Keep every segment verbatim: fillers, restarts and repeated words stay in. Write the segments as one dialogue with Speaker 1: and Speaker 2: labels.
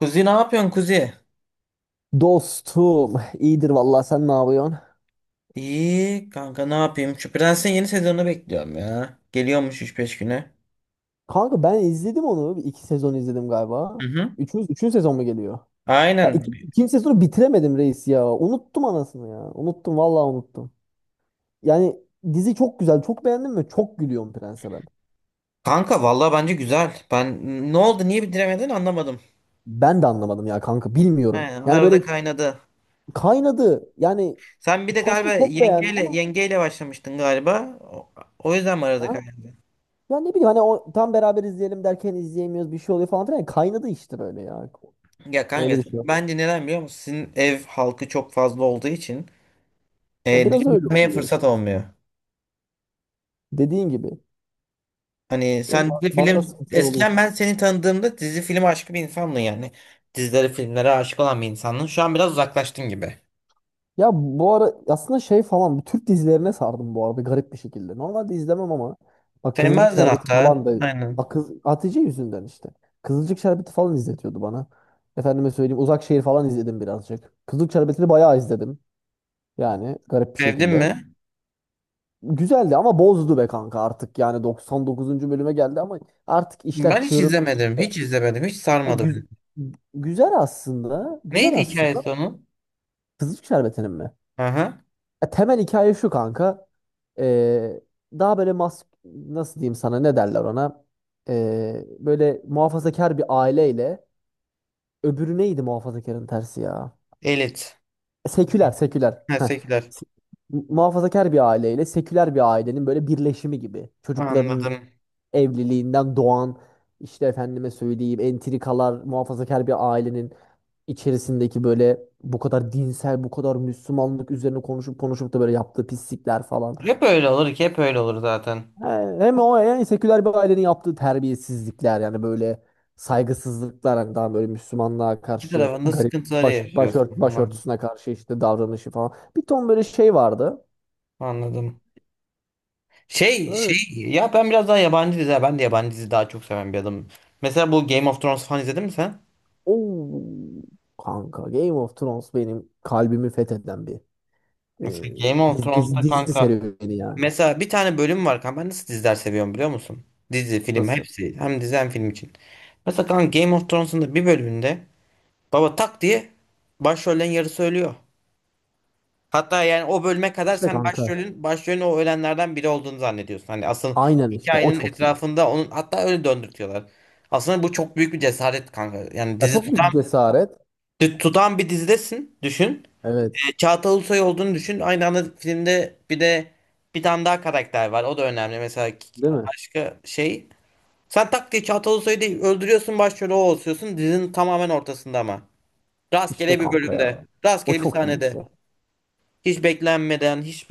Speaker 1: Kuzi, ne yapıyorsun Kuzi?
Speaker 2: Dostum iyidir vallahi, sen ne yapıyorsun?
Speaker 1: İyi kanka, ne yapayım? Şu Prens'in yeni sezonunu bekliyorum ya. Geliyormuş üç beş güne.
Speaker 2: Kanka ben izledim onu. Bir iki sezon izledim
Speaker 1: Hı
Speaker 2: galiba.
Speaker 1: hı.
Speaker 2: Üçüncü, üçüncü sezon mu geliyor? Ya
Speaker 1: Aynen.
Speaker 2: iki, ikinci sezonu bitiremedim reis ya. Unuttum anasını ya. Unuttum vallahi, unuttum. Yani dizi çok güzel. Çok beğendim ve çok gülüyorum Prens'e ben.
Speaker 1: Kanka vallahi bence güzel. Ben ne oldu niye bitiremedin anlamadım.
Speaker 2: Ben de anlamadım ya kanka,
Speaker 1: He,
Speaker 2: bilmiyorum. Yani
Speaker 1: arada
Speaker 2: böyle
Speaker 1: kaynadı.
Speaker 2: kaynadı. Yani
Speaker 1: Sen bir de
Speaker 2: çok- aslında
Speaker 1: galiba
Speaker 2: çok beğendim
Speaker 1: yengeyle
Speaker 2: ama.
Speaker 1: yengeyle başlamıştın galiba. O, o yüzden mi arada
Speaker 2: Ha?
Speaker 1: kaynadı?
Speaker 2: Ya ne bileyim, hani o, tam beraber izleyelim derken izleyemiyoruz, bir şey oluyor falan filan. Yani kaynadı işte böyle ya.
Speaker 1: Ya kanka,
Speaker 2: Öyle bir şey.
Speaker 1: bence neden biliyor musun? Sizin ev halkı çok fazla olduğu için
Speaker 2: Ya
Speaker 1: e,
Speaker 2: biraz öyle
Speaker 1: dinlemeye
Speaker 2: oluyor
Speaker 1: fırsat
Speaker 2: işte.
Speaker 1: olmuyor.
Speaker 2: Dediğin gibi.
Speaker 1: Hani
Speaker 2: Böyle
Speaker 1: sen
Speaker 2: ba-
Speaker 1: dizi
Speaker 2: bazen
Speaker 1: film,
Speaker 2: sıkıntılar oluyor.
Speaker 1: eskiden ben seni tanıdığımda dizi film aşkı bir insandın yani. Dizilere filmlere aşık olan bir insandın. Şu an biraz uzaklaştın gibi.
Speaker 2: Ya bu ara aslında şey falan, bu Türk dizilerine sardım bu arada, garip bir şekilde. Normalde izlemem ama bak Kızılcık
Speaker 1: Sevmezdin
Speaker 2: Şerbeti falan
Speaker 1: hatta.
Speaker 2: da,
Speaker 1: Aynen.
Speaker 2: bak kız, Hatice yüzünden işte. Kızılcık Şerbeti falan izletiyordu bana. Efendime söyleyeyim, Uzak Şehir falan izledim birazcık. Kızılcık Şerbeti'ni bayağı izledim. Yani garip bir
Speaker 1: Sevdin
Speaker 2: şekilde.
Speaker 1: mi?
Speaker 2: Güzeldi ama bozdu be kanka artık. Yani doksan dokuzuncu bölüme geldi ama artık işler
Speaker 1: Ben hiç
Speaker 2: çığırından
Speaker 1: izlemedim.
Speaker 2: çıktı.
Speaker 1: Hiç izlemedim. Hiç
Speaker 2: Ya,
Speaker 1: sarmadı beni.
Speaker 2: gü- Güzel aslında. Güzel
Speaker 1: Neydi
Speaker 2: aslında.
Speaker 1: hikayesi onun?
Speaker 2: Kızılcık Şerbeti'nin mi?
Speaker 1: Aha.
Speaker 2: Ya temel hikaye şu kanka. Ee, Daha böyle mas, nasıl diyeyim sana, ne derler ona? Ee, böyle muhafazakar bir aileyle, öbürü neydi muhafazakarın tersi ya?
Speaker 1: Elit.
Speaker 2: E, Seküler, seküler.
Speaker 1: Ha,
Speaker 2: Heh.
Speaker 1: Sekiler.
Speaker 2: Se- Muhafazakar bir aileyle seküler bir ailenin böyle birleşimi gibi. Çocukların
Speaker 1: Anladım.
Speaker 2: evliliğinden doğan işte, efendime söyleyeyim, entrikalar, muhafazakar bir ailenin içerisindeki böyle bu kadar dinsel, bu kadar Müslümanlık üzerine konuşup konuşup da böyle yaptığı pislikler falan.
Speaker 1: Hep öyle olur ki, hep öyle olur zaten.
Speaker 2: Ha, hem o, yani seküler bir ailenin yaptığı terbiyesizlikler, yani böyle saygısızlıklar, hani daha böyle Müslümanlığa
Speaker 1: İki
Speaker 2: karşı
Speaker 1: tarafında
Speaker 2: garip
Speaker 1: sıkıntıları
Speaker 2: baş, başört,
Speaker 1: yaşıyorsun. Anladım.
Speaker 2: başörtüsüne karşı işte davranışı falan. Bir ton böyle şey vardı.
Speaker 1: Anladım. Şey
Speaker 2: Öyle,
Speaker 1: şey ya, ben biraz daha yabancı dizi, ben de yabancı dizi daha çok seven bir adamım. Mesela bu Game of Thrones falan izledin mi sen?
Speaker 2: o kanka Game of Thrones benim kalbimi fetheden bir e,
Speaker 1: Mesela Game of
Speaker 2: dizi, dizi,
Speaker 1: Thrones'ta
Speaker 2: dizi
Speaker 1: kanka,
Speaker 2: serüveni yani.
Speaker 1: mesela bir tane bölüm var kanka, ben nasıl diziler seviyorum biliyor musun? Dizi, film,
Speaker 2: Nasıl?
Speaker 1: hepsi, hem dizi hem film için. Mesela kanka Game of Thrones'un da bir bölümünde baba tak diye başrollerin yarısı ölüyor. Hatta yani o bölüme kadar
Speaker 2: İşte
Speaker 1: sen
Speaker 2: kanka.
Speaker 1: başrolün başrolün o ölenlerden biri olduğunu zannediyorsun. Hani asıl
Speaker 2: Aynen işte o
Speaker 1: hikayenin
Speaker 2: çok iyi.
Speaker 1: etrafında onun, hatta öyle döndürtüyorlar. Aslında bu çok büyük bir cesaret kanka. Yani
Speaker 2: Ya
Speaker 1: dizi
Speaker 2: çok
Speaker 1: tutan
Speaker 2: büyük cesaret.
Speaker 1: Tut- Tutan bir dizidesin düşün.
Speaker 2: Evet.
Speaker 1: E, Çağatay Ulusoy olduğunu düşün. Aynı anda filmde bir de bir tane daha karakter var. O da önemli. Mesela k-
Speaker 2: Değil mi?
Speaker 1: başka şey. Sen tak diye Çağatay Ulusoy'u değil öldürüyorsun, başrolü o oluyorsun. Dizinin tamamen ortasında ama.
Speaker 2: İşte
Speaker 1: Rastgele bir
Speaker 2: kanka ya.
Speaker 1: bölümde.
Speaker 2: O
Speaker 1: Rastgele bir
Speaker 2: çok iyi bir
Speaker 1: sahnede.
Speaker 2: şey.
Speaker 1: Hiç beklenmeden, hiç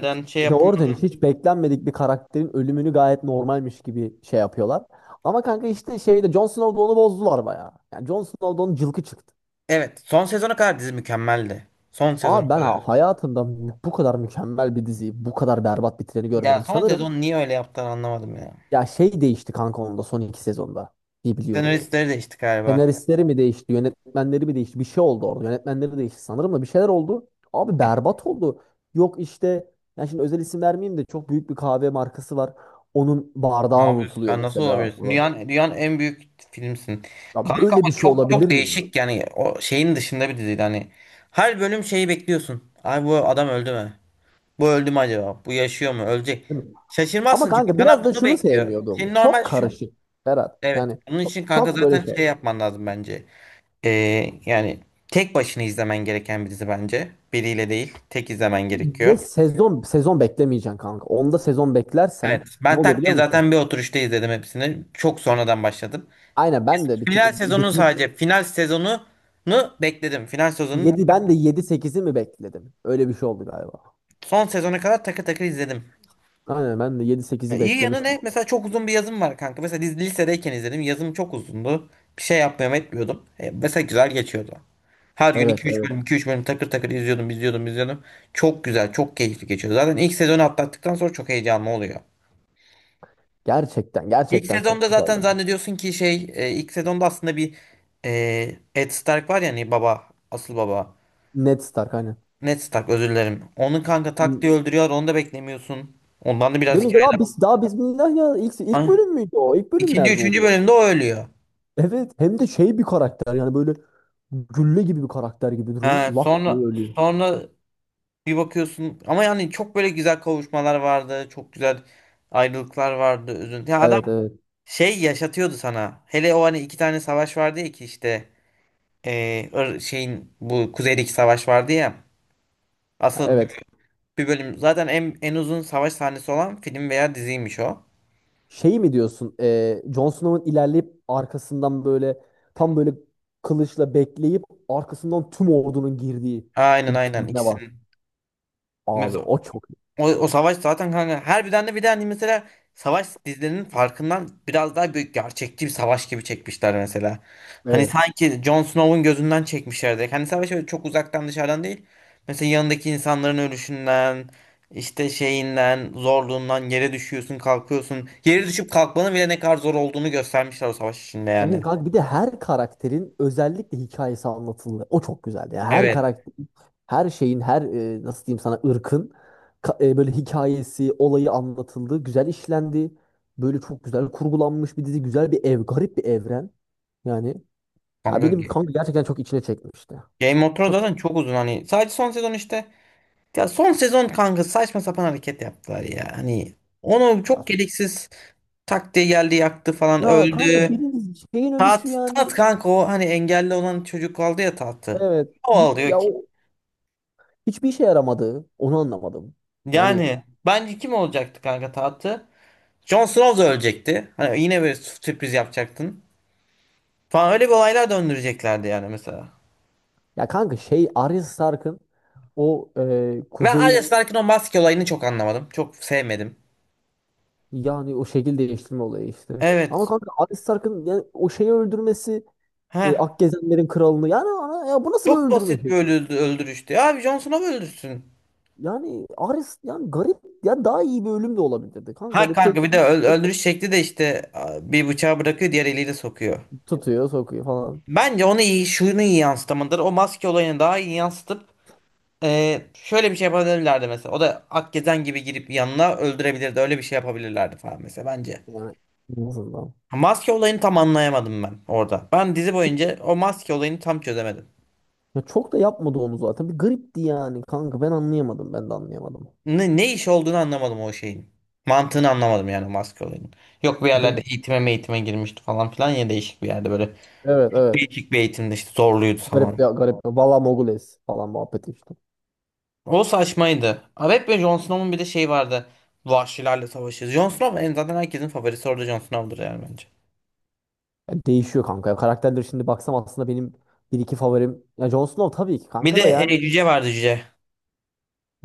Speaker 2: Hiç,
Speaker 1: şey
Speaker 2: Bir de
Speaker 1: yapım.
Speaker 2: oradan işte hiç beklenmedik bir karakterin ölümünü gayet normalmiş gibi şey yapıyorlar. Ama kanka işte şeyde, Jon Snow'da onu bozdular bayağı. Yani Jon Snow'da onun cılkı çıktı.
Speaker 1: Evet. Son sezona kadar dizi mükemmeldi. Son sezona
Speaker 2: Abi ben ha-
Speaker 1: kadar.
Speaker 2: hayatımda bu kadar mükemmel bir diziyi bu kadar berbat bitireni
Speaker 1: Ya
Speaker 2: görmedim
Speaker 1: son
Speaker 2: sanırım.
Speaker 1: sezon niye öyle yaptılar anlamadım ya.
Speaker 2: Ya şey değişti kanka onda, son iki sezonda diye biliyorum.
Speaker 1: Senaristleri değişti galiba.
Speaker 2: Senaristleri mi değişti, yönetmenleri mi değişti? Bir şey oldu orada. Yönetmenleri değişti sanırım da, bir şeyler oldu. Abi berbat oldu. Yok işte, yani şimdi özel isim vermeyeyim de çok büyük bir kahve markası var. Onun
Speaker 1: Ne
Speaker 2: bardağı
Speaker 1: yapıyorsun?
Speaker 2: unutuluyor
Speaker 1: Sen nasıl
Speaker 2: mesela
Speaker 1: olabilirsin?
Speaker 2: falan.
Speaker 1: Dünyanın, dünyanın en büyük filmsin.
Speaker 2: Ya
Speaker 1: Kanka
Speaker 2: böyle bir
Speaker 1: ama
Speaker 2: şey
Speaker 1: çok
Speaker 2: olabilir
Speaker 1: çok
Speaker 2: mi ya?
Speaker 1: değişik, yani o şeyin dışında bir diziydi hani. Her bölüm şeyi bekliyorsun. Ay, bu adam öldü mü? Bu öldü mü acaba? Bu yaşıyor mu? Ölecek.
Speaker 2: Değil mi? Ama
Speaker 1: Şaşırmazsın çünkü
Speaker 2: kanka
Speaker 1: sana
Speaker 2: biraz da
Speaker 1: bunu
Speaker 2: şunu
Speaker 1: bekliyor. Senin
Speaker 2: sevmiyordum.
Speaker 1: normal
Speaker 2: Çok
Speaker 1: şu...
Speaker 2: karışık Berat.
Speaker 1: Evet.
Speaker 2: Yani
Speaker 1: Onun
Speaker 2: çok
Speaker 1: için kanka
Speaker 2: çok böyle
Speaker 1: zaten
Speaker 2: şey.
Speaker 1: şey yapman lazım bence. Ee, yani tek başına izlemen gereken bir dizi bence. Biriyle değil. Tek izlemen gerekiyor.
Speaker 2: Ve sezon sezon beklemeyeceksin kanka. Onda sezon beklersen
Speaker 1: Evet.
Speaker 2: ne
Speaker 1: Ben
Speaker 2: oluyor
Speaker 1: tak
Speaker 2: biliyor
Speaker 1: diye zaten
Speaker 2: musun?
Speaker 1: bir oturuşta izledim hepsini. Çok sonradan başladım.
Speaker 2: Aynen, ben de bir tık
Speaker 1: Final sezonu
Speaker 2: bitmiş.
Speaker 1: sadece. Final sezonunu bekledim. Final sezonunu,
Speaker 2: Yedi, ben de yedi sekizi mi bekledim? Öyle bir şey oldu galiba.
Speaker 1: son sezona kadar takır takır izledim.
Speaker 2: Aynen, ben de yedi
Speaker 1: Ya
Speaker 2: sekizi
Speaker 1: İyi yanı
Speaker 2: beklemiş
Speaker 1: ne?
Speaker 2: bu.
Speaker 1: Mesela çok uzun bir yazım var kanka. Mesela biz lisedeyken izledim. Yazım çok uzundu. Bir şey yapmıyorum etmiyordum. E, mesela güzel geçiyordu. Her gün
Speaker 2: Evet,
Speaker 1: 2-3
Speaker 2: evet.
Speaker 1: bölüm 2-3 bölüm takır takır izliyordum izliyordum izliyordum. Çok güzel, çok keyifli geçiyor. Zaten ilk sezonu atlattıktan sonra çok heyecanlı oluyor.
Speaker 2: Gerçekten
Speaker 1: İlk
Speaker 2: gerçekten çok
Speaker 1: sezonda
Speaker 2: güzel.
Speaker 1: zaten zannediyorsun ki şey e, ilk sezonda aslında bir e, Ed Stark var ya, hani baba, asıl baba.
Speaker 2: Ned Stark aynen.
Speaker 1: Ned tak, özür dilerim. Onu kanka tak diye öldürüyor. Onu da beklemiyorsun. Ondan da biraz
Speaker 2: Değil mi? Daha
Speaker 1: hikaye.
Speaker 2: biz daha bismillah ya, ilk ilk
Speaker 1: Ay,
Speaker 2: bölüm müydü o? İlk
Speaker 1: İkinci,
Speaker 2: bölümlerde
Speaker 1: üçüncü
Speaker 2: oluyor.
Speaker 1: bölümde o ölüyor.
Speaker 2: Evet, hem de şey bir karakter, yani böyle gülle gibi bir karakter gibi duruyor.
Speaker 1: Ha,
Speaker 2: Lak diye
Speaker 1: sonra
Speaker 2: ölüyor.
Speaker 1: sonra bir bakıyorsun ama yani çok böyle güzel kavuşmalar vardı. Çok güzel ayrılıklar vardı. Üzüntü. Ya adam
Speaker 2: Evet, evet.
Speaker 1: şey yaşatıyordu sana. Hele o hani iki tane savaş vardı ya, ki işte eee, Ir- şeyin bu kuzeydeki savaş vardı ya.
Speaker 2: Ha,
Speaker 1: Asıl bir
Speaker 2: evet.
Speaker 1: bir bölüm zaten en, en uzun savaş sahnesi olan film veya diziymiş o.
Speaker 2: Şey mi diyorsun? E, Jon Snow'un ilerleyip arkasından böyle, tam böyle kılıçla bekleyip arkasından tüm ordunun girdiği
Speaker 1: Aynen
Speaker 2: bir
Speaker 1: aynen
Speaker 2: sahne var.
Speaker 1: ikisini.
Speaker 2: Abi o çok iyi.
Speaker 1: O, o savaş zaten kanka harbiden de, bir de hani mesela savaş dizilerinin farkından biraz daha büyük, gerçekçi bir savaş gibi çekmişler mesela. Hani
Speaker 2: Evet.
Speaker 1: sanki Jon Snow'un gözünden çekmişlerdi. Hani savaş öyle çok uzaktan, dışarıdan değil. Mesela yanındaki insanların ölüşünden, işte şeyinden, zorluğundan yere düşüyorsun, kalkıyorsun. Yere düşüp kalkmanın bile ne kadar zor olduğunu göstermişler o savaş içinde yani.
Speaker 2: Evet kanka, bir de her karakterin özellikle hikayesi anlatıldı. O çok güzeldi. Yani her
Speaker 1: Evet.
Speaker 2: karakter, her şeyin, her e, nasıl diyeyim sana, ırkın ka- e, böyle hikayesi, olayı anlatıldı. Güzel işlendi. Böyle çok güzel kurgulanmış bir dizi. Güzel bir ev, garip bir evren. Yani ya
Speaker 1: Kanka
Speaker 2: benim kanka gerçekten çok içine çekmişti.
Speaker 1: Game of Thrones
Speaker 2: Çok
Speaker 1: zaten çok uzun hani. Sadece son sezon işte. Ya son sezon kanka saçma sapan hareket yaptılar ya. Hani onu
Speaker 2: ya,
Speaker 1: çok gereksiz tak diye geldi, yaktı falan,
Speaker 2: ya kanka
Speaker 1: öldü.
Speaker 2: birinin şeyin ölüşü
Speaker 1: Tat,
Speaker 2: yani,
Speaker 1: tat kanka o hani engelli olan çocuk aldı ya tahtı.
Speaker 2: evet
Speaker 1: O
Speaker 2: hiç,
Speaker 1: alıyor
Speaker 2: ya
Speaker 1: ki.
Speaker 2: o hiçbir işe yaramadı. Onu anlamadım. Yani
Speaker 1: Yani bence kim olacaktı kanka tahtı? Jon Snow da ölecekti. Hani yine bir sürpriz yapacaktın. Falan öyle bir olaylar döndüreceklerdi yani mesela.
Speaker 2: ya kanka, şey Arya Stark'ın o e,
Speaker 1: Ben Arya
Speaker 2: kuzeyin,
Speaker 1: Stark'ın o maske olayını çok anlamadım. Çok sevmedim.
Speaker 2: yani o şekil değiştirme olayı işte. Ama
Speaker 1: Evet.
Speaker 2: kanka Arya Stark'ın yani o şeyi öldürmesi,
Speaker 1: Heh.
Speaker 2: e, Akgezenlerin kralını, yani ana, ya bu nasıl bir
Speaker 1: Çok
Speaker 2: öldürme
Speaker 1: basit bir
Speaker 2: şekli?
Speaker 1: öldü- öldürüştü. Ya abi Jon Snow öldürsün.
Speaker 2: Yani Arya yani garip, ya daha iyi bir ölüm de olabilirdi. Kanka
Speaker 1: Ha
Speaker 2: öyle
Speaker 1: kanka,
Speaker 2: tık
Speaker 1: bir de öl-
Speaker 2: tık
Speaker 1: öldürüş şekli de işte a, bir bıçağı bırakıyor, diğer eliyle sokuyor.
Speaker 2: tutuyor sokuyor falan.
Speaker 1: Bence onu iyi, şunu iyi yansıtamadır. O maske olayını daha iyi yansıtıp e, şöyle bir şey yapabilirlerdi mesela. O da Akgezen gibi girip yanına öldürebilirdi. Öyle bir şey yapabilirlerdi falan mesela bence.
Speaker 2: Yani en azından.
Speaker 1: Ha, maske olayını tam anlayamadım ben orada. Ben dizi boyunca o maske olayını tam çözemedim.
Speaker 2: Ya çok da yapmadı onu zaten. Bir garipti yani kanka. Ben anlayamadım. Ben de anlayamadım.
Speaker 1: Ne, ne iş olduğunu anlamadım o şeyin. Mantığını anlamadım yani o maske olayının. Yok bir
Speaker 2: Değil mi?
Speaker 1: yerlerde eğitime eğitime girmişti falan filan ya, değişik bir yerde böyle.
Speaker 2: Evet, evet.
Speaker 1: Değişik bir eğitimde işte zorluydu
Speaker 2: Garip
Speaker 1: falan.
Speaker 2: ya, garip. Valla Mogules falan muhabbeti işte.
Speaker 1: O saçmaydı. Evet ve Jon Snow'un bir de şey vardı. Vahşilerle savaşıyoruz. Jon Snow en, zaten herkesin favorisi orada Jon Snow'dur yani bence.
Speaker 2: Yani değişiyor kanka. Ya karakterleri şimdi baksam aslında benim bir iki favorim. Ya Jon Snow tabii ki
Speaker 1: Bir de
Speaker 2: kanka da
Speaker 1: e,
Speaker 2: yani.
Speaker 1: cüce vardı, cüce.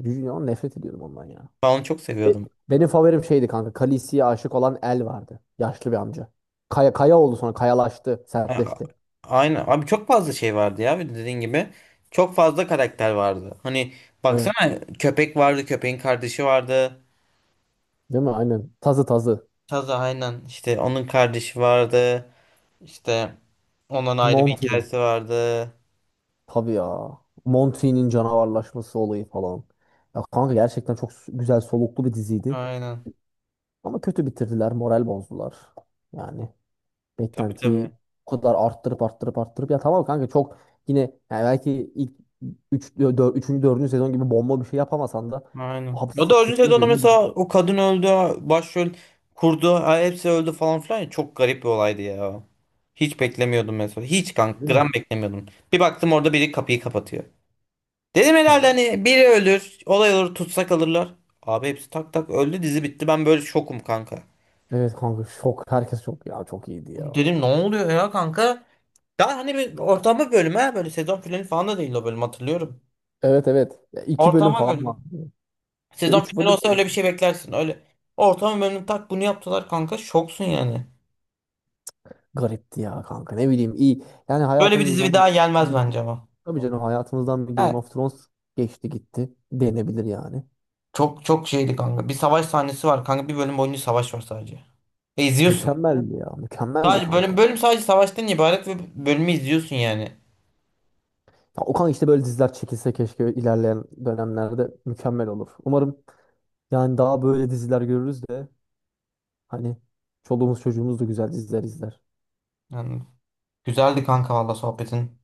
Speaker 2: Junior, nefret ediyordum ondan ya.
Speaker 1: Ben onu çok
Speaker 2: Be-
Speaker 1: seviyordum.
Speaker 2: Benim favorim şeydi kanka. Khaleesi'ye aşık olan El vardı. Yaşlı bir amca. Kaya, kaya oldu sonra. Kayalaştı.
Speaker 1: Ha,
Speaker 2: Sertleşti.
Speaker 1: aynen. Abi çok fazla şey vardı ya. Bir de dediğin gibi. Çok fazla karakter vardı. Hani
Speaker 2: Evet.
Speaker 1: baksana, köpek vardı. Köpeğin kardeşi vardı.
Speaker 2: Değil mi? Aynen. Tazı tazı.
Speaker 1: Taza aynen. İşte onun kardeşi vardı. İşte ondan ayrı bir
Speaker 2: Mountain.
Speaker 1: hikayesi vardı.
Speaker 2: Tabii ya. Monty'nin canavarlaşması olayı falan. Ya kanka gerçekten çok s- güzel soluklu bir diziydi.
Speaker 1: Aynen.
Speaker 2: Ama kötü bitirdiler, moral bozdular. Yani
Speaker 1: Tabii tabii.
Speaker 2: beklentiyi o kadar arttırıp arttırıp arttırıp ya tamam kanka çok yine yani belki ilk üç dört üçüncü. dördüncü sezon gibi bomba bir şey yapamasan da
Speaker 1: Aynen.
Speaker 2: abi
Speaker 1: O da öldüyse
Speaker 2: sekizinci
Speaker 1: de ona,
Speaker 2: sezon gibi,
Speaker 1: mesela o kadın öldü, başrol kurdu, ha, hepsi öldü falan filan ya. Çok garip bir olaydı ya. Hiç beklemiyordum mesela. Hiç kank
Speaker 2: değil mi?
Speaker 1: gram beklemiyordum. Bir baktım orada biri kapıyı kapatıyor. Dedim herhalde hani biri ölür, olay olur, tutsak alırlar. Abi hepsi tak tak öldü, dizi bitti. Ben böyle şokum kanka.
Speaker 2: Evet kanka, şok herkes, çok ya, çok iyiydi ya.
Speaker 1: Dedim ne oluyor ya kanka? Daha hani bir ortama bölüm, ha böyle sezon finali falan da değil o bölüm, hatırlıyorum.
Speaker 2: Evet, evet. Ya iki bölüm
Speaker 1: Ortama
Speaker 2: falan var.
Speaker 1: bölüm.
Speaker 2: Ya
Speaker 1: Sezon
Speaker 2: üç
Speaker 1: finali
Speaker 2: bölüm
Speaker 1: olsa öyle bir şey beklersin. Öyle ortamı memnun tak bunu yaptılar kanka. Şoksun yani.
Speaker 2: garipti ya kanka, ne bileyim, iyi. Yani
Speaker 1: Böyle bir dizi bir
Speaker 2: hayatımızdan,
Speaker 1: daha gelmez bence ama.
Speaker 2: tabii canım, hayatımızdan bir Game
Speaker 1: Evet.
Speaker 2: of Thrones geçti gitti denebilir yani.
Speaker 1: Çok çok şeydi kanka. Bir savaş sahnesi var kanka. Bir bölüm boyunca savaş var sadece. Ve izliyorsun.
Speaker 2: Mükemmeldi ya, mükemmeldi
Speaker 1: Sadece
Speaker 2: kanka.
Speaker 1: bölüm bölüm sadece savaştan ibaret ve bölümü izliyorsun yani.
Speaker 2: Ya Okan işte böyle diziler çekilse keşke, ilerleyen dönemlerde mükemmel olur. Umarım yani daha böyle diziler görürüz de, hani çoluğumuz çocuğumuz da güzel diziler izler.
Speaker 1: Yani güzeldi kanka valla sohbetin.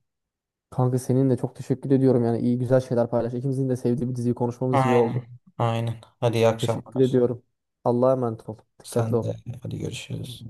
Speaker 2: Kanka seninle çok teşekkür ediyorum yani, iyi güzel şeyler paylaş. İkimizin de sevdiği bir diziyi konuşmamız iyi
Speaker 1: Aynen.
Speaker 2: oldu.
Speaker 1: Aynen. Hadi iyi
Speaker 2: Teşekkür
Speaker 1: akşamlar.
Speaker 2: ediyorum. Allah'a emanet ol. Dikkatli
Speaker 1: Sen
Speaker 2: ol.
Speaker 1: de, hadi görüşürüz.